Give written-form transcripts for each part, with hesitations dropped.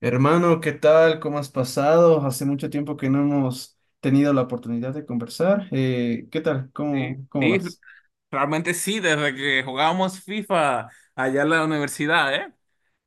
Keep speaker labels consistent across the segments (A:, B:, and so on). A: Hermano, ¿qué tal? ¿Cómo has pasado? Hace mucho tiempo que no hemos tenido la oportunidad de conversar. ¿Qué tal?
B: Sí,
A: ¿Cómo
B: sí,
A: vas?
B: realmente sí, desde que jugábamos FIFA allá en la universidad, ¿eh?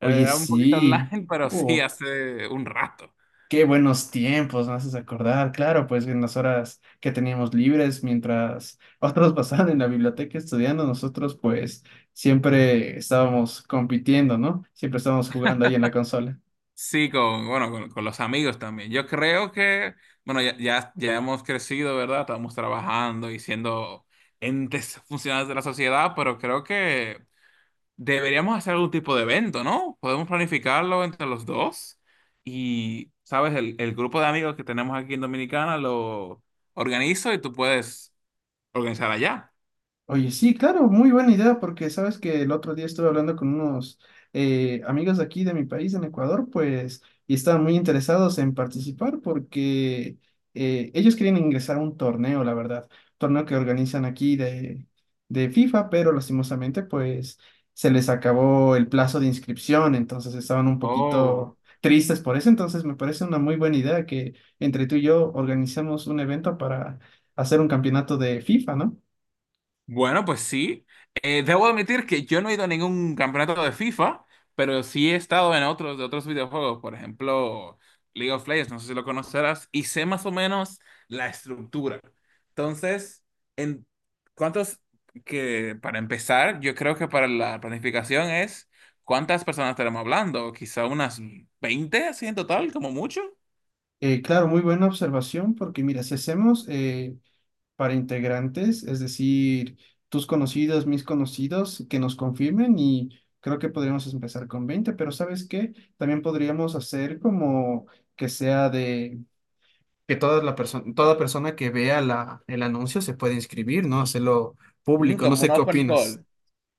A: Oye,
B: un poquito
A: sí.
B: online, pero sí,
A: Uh,
B: hace un rato.
A: Qué buenos tiempos, me haces acordar. Claro, pues en las horas que teníamos libres, mientras otros pasaban en la biblioteca estudiando, nosotros pues siempre estábamos compitiendo, ¿no? Siempre estábamos jugando ahí en la consola.
B: Sí, bueno, con los amigos también. Yo creo que, bueno, ya hemos crecido, ¿verdad? Estamos trabajando y siendo entes funcionales de la sociedad, pero creo que deberíamos hacer algún tipo de evento, ¿no? Podemos planificarlo entre los dos y, ¿sabes?, el grupo de amigos que tenemos aquí en Dominicana lo organizo y tú puedes organizada ya.
A: Oye, sí, claro, muy buena idea, porque sabes que el otro día estuve hablando con unos amigos de aquí de mi país, en Ecuador, pues, y estaban muy interesados en participar porque ellos querían ingresar a un torneo, la verdad, torneo que organizan aquí de FIFA, pero lastimosamente, pues, se les acabó el plazo de inscripción, entonces estaban un
B: Oh.
A: poquito tristes por eso, entonces me parece una muy buena idea que entre tú y yo organizamos un evento para hacer un campeonato de FIFA, ¿no?
B: Bueno, pues sí. Debo admitir que yo no he ido a ningún campeonato de FIFA, pero sí he estado en otros de otros videojuegos, por ejemplo, League of Legends, no sé si lo conocerás, y sé más o menos la estructura. Entonces, en cuántos que para empezar, yo creo que para la planificación es cuántas personas estaremos hablando, quizá unas 20 así en total, como mucho.
A: Claro, muy buena observación, porque mira, si hacemos para integrantes, es decir, tus conocidos, mis conocidos, que nos confirmen y creo que podríamos empezar con 20 pero ¿sabes qué? También podríamos hacer como que sea de que toda la persona, toda persona que vea el anuncio se puede inscribir, ¿no? Hacerlo público, no
B: Como un
A: sé qué
B: open
A: opinas.
B: call.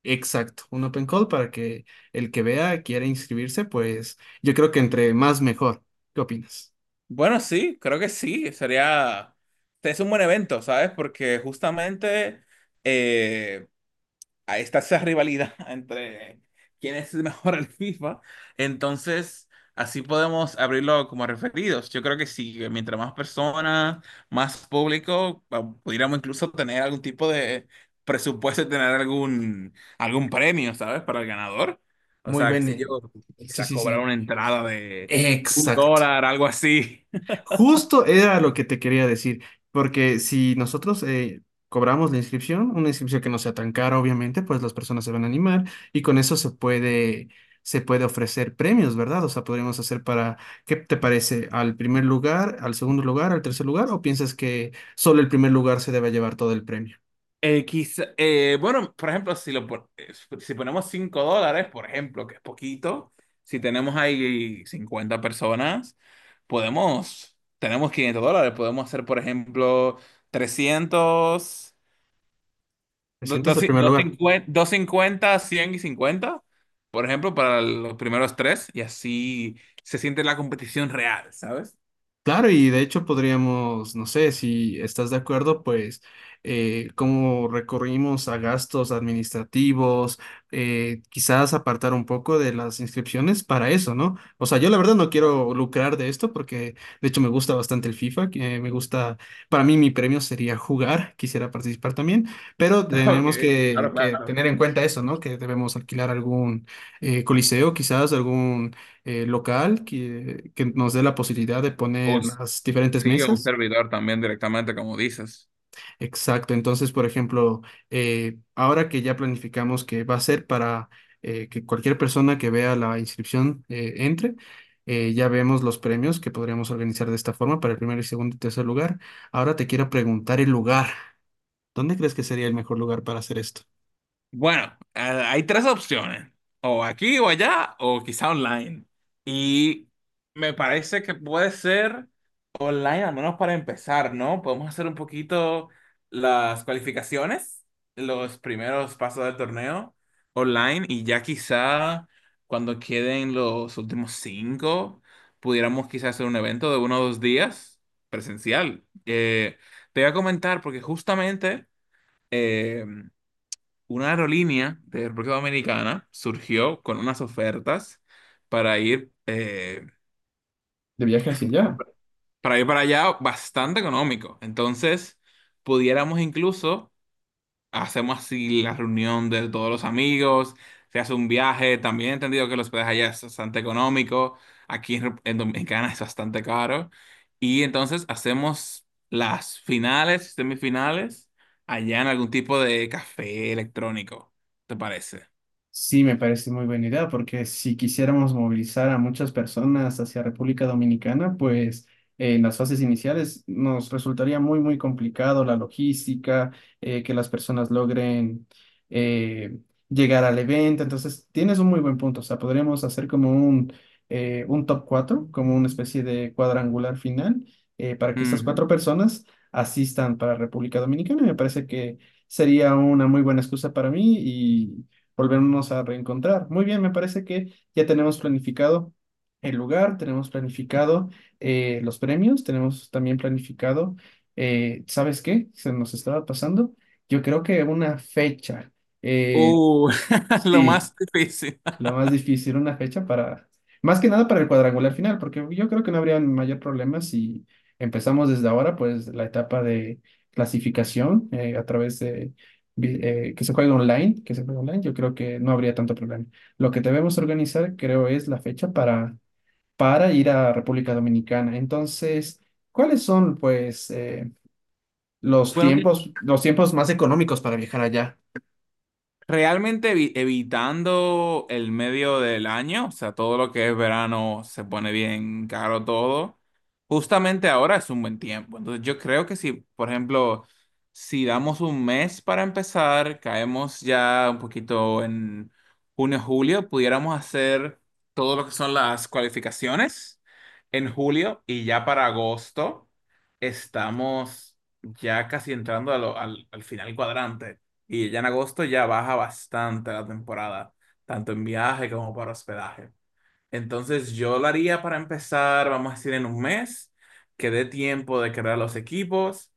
A: Exacto, un open call para que el que vea quiera inscribirse, pues yo creo que entre más mejor. ¿Qué opinas?
B: Bueno, sí, creo que sí, sería, es un buen evento, ¿sabes? Porque justamente eh, ahí está esa rivalidad entre quién es el mejor en FIFA, entonces así podemos abrirlo como referidos. Yo creo que sí, que mientras más personas, más público, pudiéramos incluso tener algún tipo de presupuesto, y tener algún premio, ¿sabes? Para el ganador. O
A: Muy
B: sea, qué
A: bien.
B: sé yo,
A: Sí,
B: quizá
A: sí,
B: cobrar
A: sí.
B: una entrada de un
A: Exacto.
B: dólar, algo así.
A: Justo era lo que te quería decir, porque si nosotros cobramos la inscripción, una inscripción que no sea tan cara, obviamente, pues las personas se van a animar y con eso se puede ofrecer premios, ¿verdad? O sea, podríamos hacer para, ¿qué te parece? ¿Al primer lugar, al segundo lugar, al tercer lugar? ¿O piensas que solo el primer lugar se debe llevar todo el premio?
B: Bueno, por ejemplo, si ponemos 5 dólares, por ejemplo, que es poquito. Si tenemos ahí 50 personas, tenemos 500 dólares. Podemos hacer, por ejemplo, 300,
A: ¿Te sientas el primer lugar?
B: 250, 50 100 y cincuenta, por ejemplo, para los primeros tres, y así se siente la competición real, ¿sabes?
A: Claro, y de hecho podríamos, no sé, si estás de acuerdo, pues cómo recurrimos a gastos administrativos, quizás apartar un poco de las inscripciones para eso, ¿no? O sea, yo la verdad no quiero lucrar de esto porque de hecho me gusta bastante el FIFA, que me gusta, para mí mi premio sería jugar, quisiera participar también, pero
B: Ok,
A: tenemos que,
B: claro,
A: que
B: claro.
A: tener en cuenta eso, ¿no? Que debemos alquilar algún coliseo, quizás algún local que nos dé la posibilidad de
B: O
A: poner
B: un-
A: las diferentes
B: sí, o un
A: mesas.
B: servidor también directamente, como dices.
A: Exacto. Entonces, por ejemplo, ahora que ya planificamos que va a ser para que cualquier persona que vea la inscripción entre, ya vemos los premios que podríamos organizar de esta forma para el primer y segundo y tercer lugar. Ahora te quiero preguntar el lugar. ¿Dónde crees que sería el mejor lugar para hacer esto?
B: Bueno, hay tres opciones, o aquí o allá, o quizá online. Y me parece que puede ser online, al menos para empezar, ¿no? Podemos hacer un poquito las cualificaciones, los primeros pasos del torneo online, y ya quizá cuando queden los últimos cinco, pudiéramos quizá hacer un evento de 1 o 2 días presencial. Te voy a comentar porque justamente em, una aerolínea de República Dominicana surgió con unas ofertas para ir, eh,
A: De viaje hacia allá.
B: para ir para allá bastante económico. Entonces, pudiéramos incluso, hacemos así la reunión de todos los amigos, se hace un viaje. También he entendido que los hospedaje allá es bastante económico, aquí en Dominicana es bastante caro, y entonces hacemos las finales, semifinales, allá en algún tipo de café electrónico, ¿te parece?
A: Sí, me parece muy buena idea, porque si quisiéramos movilizar a muchas personas hacia República Dominicana, pues en las fases iniciales nos resultaría muy complicado la logística, que las personas logren eh, llegar al evento. Entonces, tienes un muy buen punto. O sea, podríamos hacer como un top 4 como una especie de cuadrangular final, para que estas cuatro personas asistan para República Dominicana. Y me parece que sería una muy buena excusa para mí y volvernos a reencontrar. Muy bien, me parece que ya tenemos planificado el lugar, tenemos planificado los premios, tenemos también planificado, ¿sabes qué? Se nos estaba pasando. Yo creo que una fecha. Eh,
B: Uh, lo
A: sí.
B: más difícil.
A: Lo más difícil, una fecha para, más que nada para el cuadrangular final, porque yo creo que no habría mayor problema si empezamos desde ahora, pues la etapa de clasificación a través de que se juegue online, yo creo que no habría tanto problema. Lo que debemos organizar, creo, es la fecha para ir a República Dominicana. Entonces, ¿cuáles son, pues,
B: Bueno,
A: los tiempos más económicos para viajar allá?
B: realmente evitando el medio del año, o sea, todo lo que es verano se pone bien caro todo. Justamente ahora es un buen tiempo. Entonces yo creo que si, por ejemplo, si damos un mes para empezar, caemos ya un poquito en junio, julio, pudiéramos hacer todo lo que son las cualificaciones en julio y ya para agosto estamos ya casi entrando a lo- al al final cuadrante. Y ya en agosto ya baja bastante la temporada, tanto en viaje como para hospedaje. Entonces yo lo haría para empezar, vamos a decir, en un mes, que dé tiempo de crear los equipos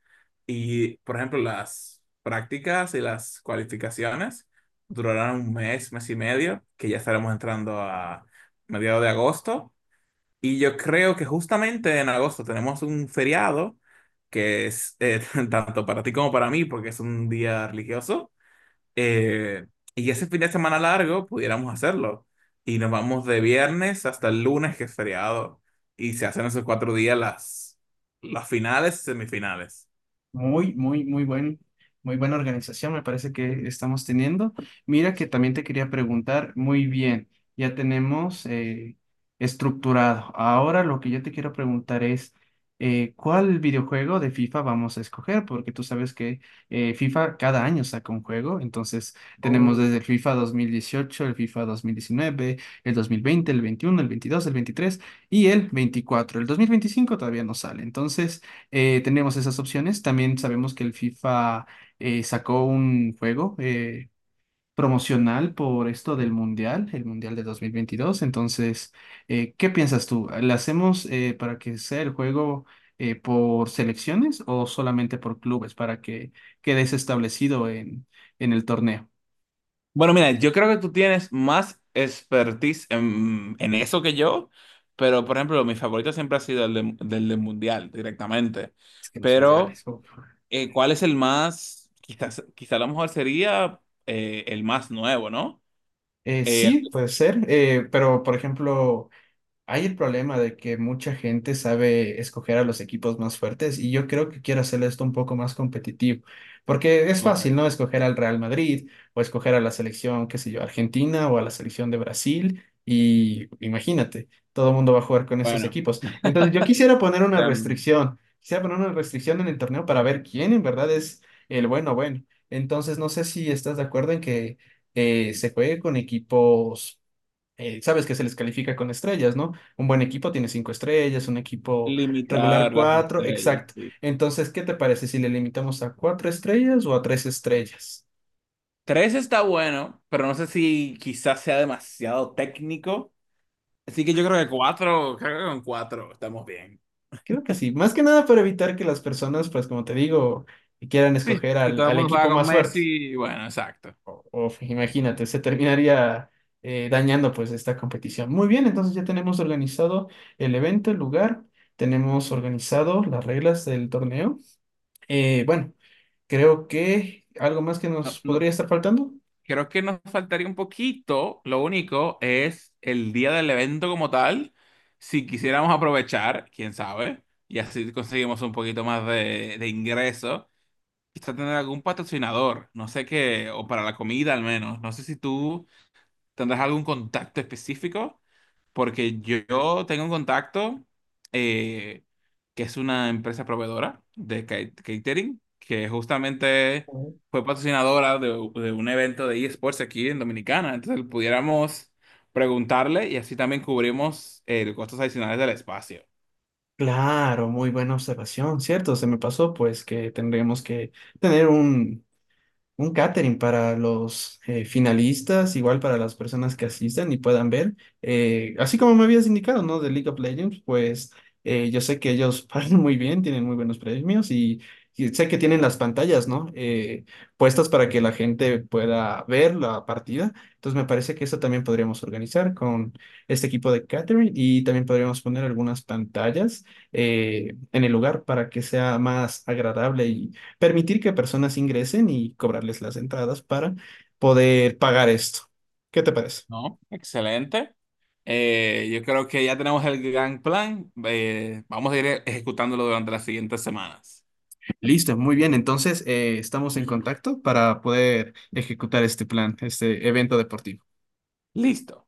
B: y, por ejemplo, las prácticas y las cualificaciones durarán un mes, mes y medio, que ya estaremos entrando a mediados de agosto. Y yo creo que justamente en agosto tenemos un feriado, que es tanto para ti como para mí, porque es un día religioso eh, y ese fin de semana largo pudiéramos hacerlo. Y nos vamos de viernes hasta el lunes, que es feriado. Y se hacen esos 4 días las finales y semifinales.
A: Muy, muy, muy buen, muy buena organización me parece que estamos teniendo. Mira que también te quería preguntar, muy bien, ya tenemos estructurado. Ahora lo que yo te quiero preguntar es, ¿cuál videojuego de FIFA vamos a escoger? Porque tú sabes que FIFA cada año saca un juego, entonces tenemos desde el FIFA 2018 el FIFA 2019 el 2020 el 21 el 22 el 23 y el 24. El 2025 todavía no sale, entonces tenemos esas opciones. También sabemos que el FIFA sacó un juego promocional por esto del Mundial, el Mundial de 2022. Entonces, ¿qué piensas tú? ¿La hacemos para que sea el juego por selecciones o solamente por clubes para que quede eso establecido en el torneo?
B: Bueno, mira, yo creo que tú tienes más expertise en eso que yo, pero por ejemplo, mi favorito siempre ha sido el del Mundial directamente.
A: Es que los mundiales.
B: Pero,
A: Uf.
B: ¿cuál es el más? Quizás, quizá a lo mejor sería el más nuevo, ¿no? Eh,
A: Sí, puede ser, pero por ejemplo... Hay el problema de que mucha gente sabe escoger a los equipos más fuertes y yo creo que quiero hacer esto un poco más competitivo, porque es fácil,
B: ok,
A: ¿no? Escoger al Real Madrid o escoger a la selección, qué sé yo, Argentina o a la selección de Brasil y imagínate, todo el mundo va a jugar con esos
B: bueno,
A: equipos. Entonces yo quisiera poner una restricción, quisiera poner una restricción en el torneo para ver quién en verdad es el bueno bueno. Entonces no sé si estás de acuerdo en que se juegue con equipos sabes que se les califica con estrellas, ¿no? Un buen equipo tiene cinco estrellas, un equipo regular
B: limitar las
A: cuatro,
B: estrellas,
A: exacto.
B: sí.
A: Entonces, ¿qué te parece si le limitamos a cuatro estrellas o a tres estrellas?
B: Tres está bueno, pero no sé si quizás sea demasiado técnico. Así que yo creo que cuatro, creo que con cuatro estamos bien.
A: Creo que sí, más que nada para evitar que las personas, pues como te digo, quieran
B: Sí,
A: escoger
B: que todo el
A: al
B: mundo juega
A: equipo
B: con
A: más fuerte.
B: Messi, bueno, exacto.
A: Imagínate, se terminaría dañando pues esta competición. Muy bien, entonces ya tenemos organizado el evento, el lugar, tenemos organizado las reglas del torneo. Bueno. Creo que algo más que
B: No,
A: nos podría
B: no,
A: estar faltando.
B: creo que nos faltaría un poquito, lo único es el día del evento como tal. Si quisiéramos aprovechar, quién sabe, y así conseguimos un poquito más de ingreso. Quizá tener algún patrocinador, no sé qué, o para la comida al menos. No sé si tú, ¿tendrás algún contacto específico? Porque yo tengo un contacto eh, que es una empresa proveedora de catering, que justamente
A: Ujú.
B: fue patrocinadora de un evento de eSports aquí en Dominicana. Entonces pudiéramos preguntarle y así también cubrimos los costos adicionales del espacio.
A: Claro, muy buena observación, ¿cierto? Se me pasó pues que tendremos que tener un catering para los finalistas, igual para las personas que asistan y puedan ver. Así como me habías indicado, ¿no? De League of Legends, pues yo sé que ellos pagan muy bien, tienen muy buenos premios y sé que tienen las pantallas, ¿no? Puestas para que la gente pueda ver la partida. Entonces me parece que eso también podríamos organizar con este equipo de catering y también podríamos poner algunas pantallas en el lugar para que sea más agradable permitir que personas ingresen y cobrarles las entradas para poder pagar esto. ¿Qué te parece?
B: ¿No? Excelente. Yo creo que ya tenemos el gran plan. Vamos a ir ejecutándolo durante las siguientes semanas.
A: Listo, muy bien. Entonces, estamos en contacto para poder ejecutar este plan, este evento deportivo.
B: Listo.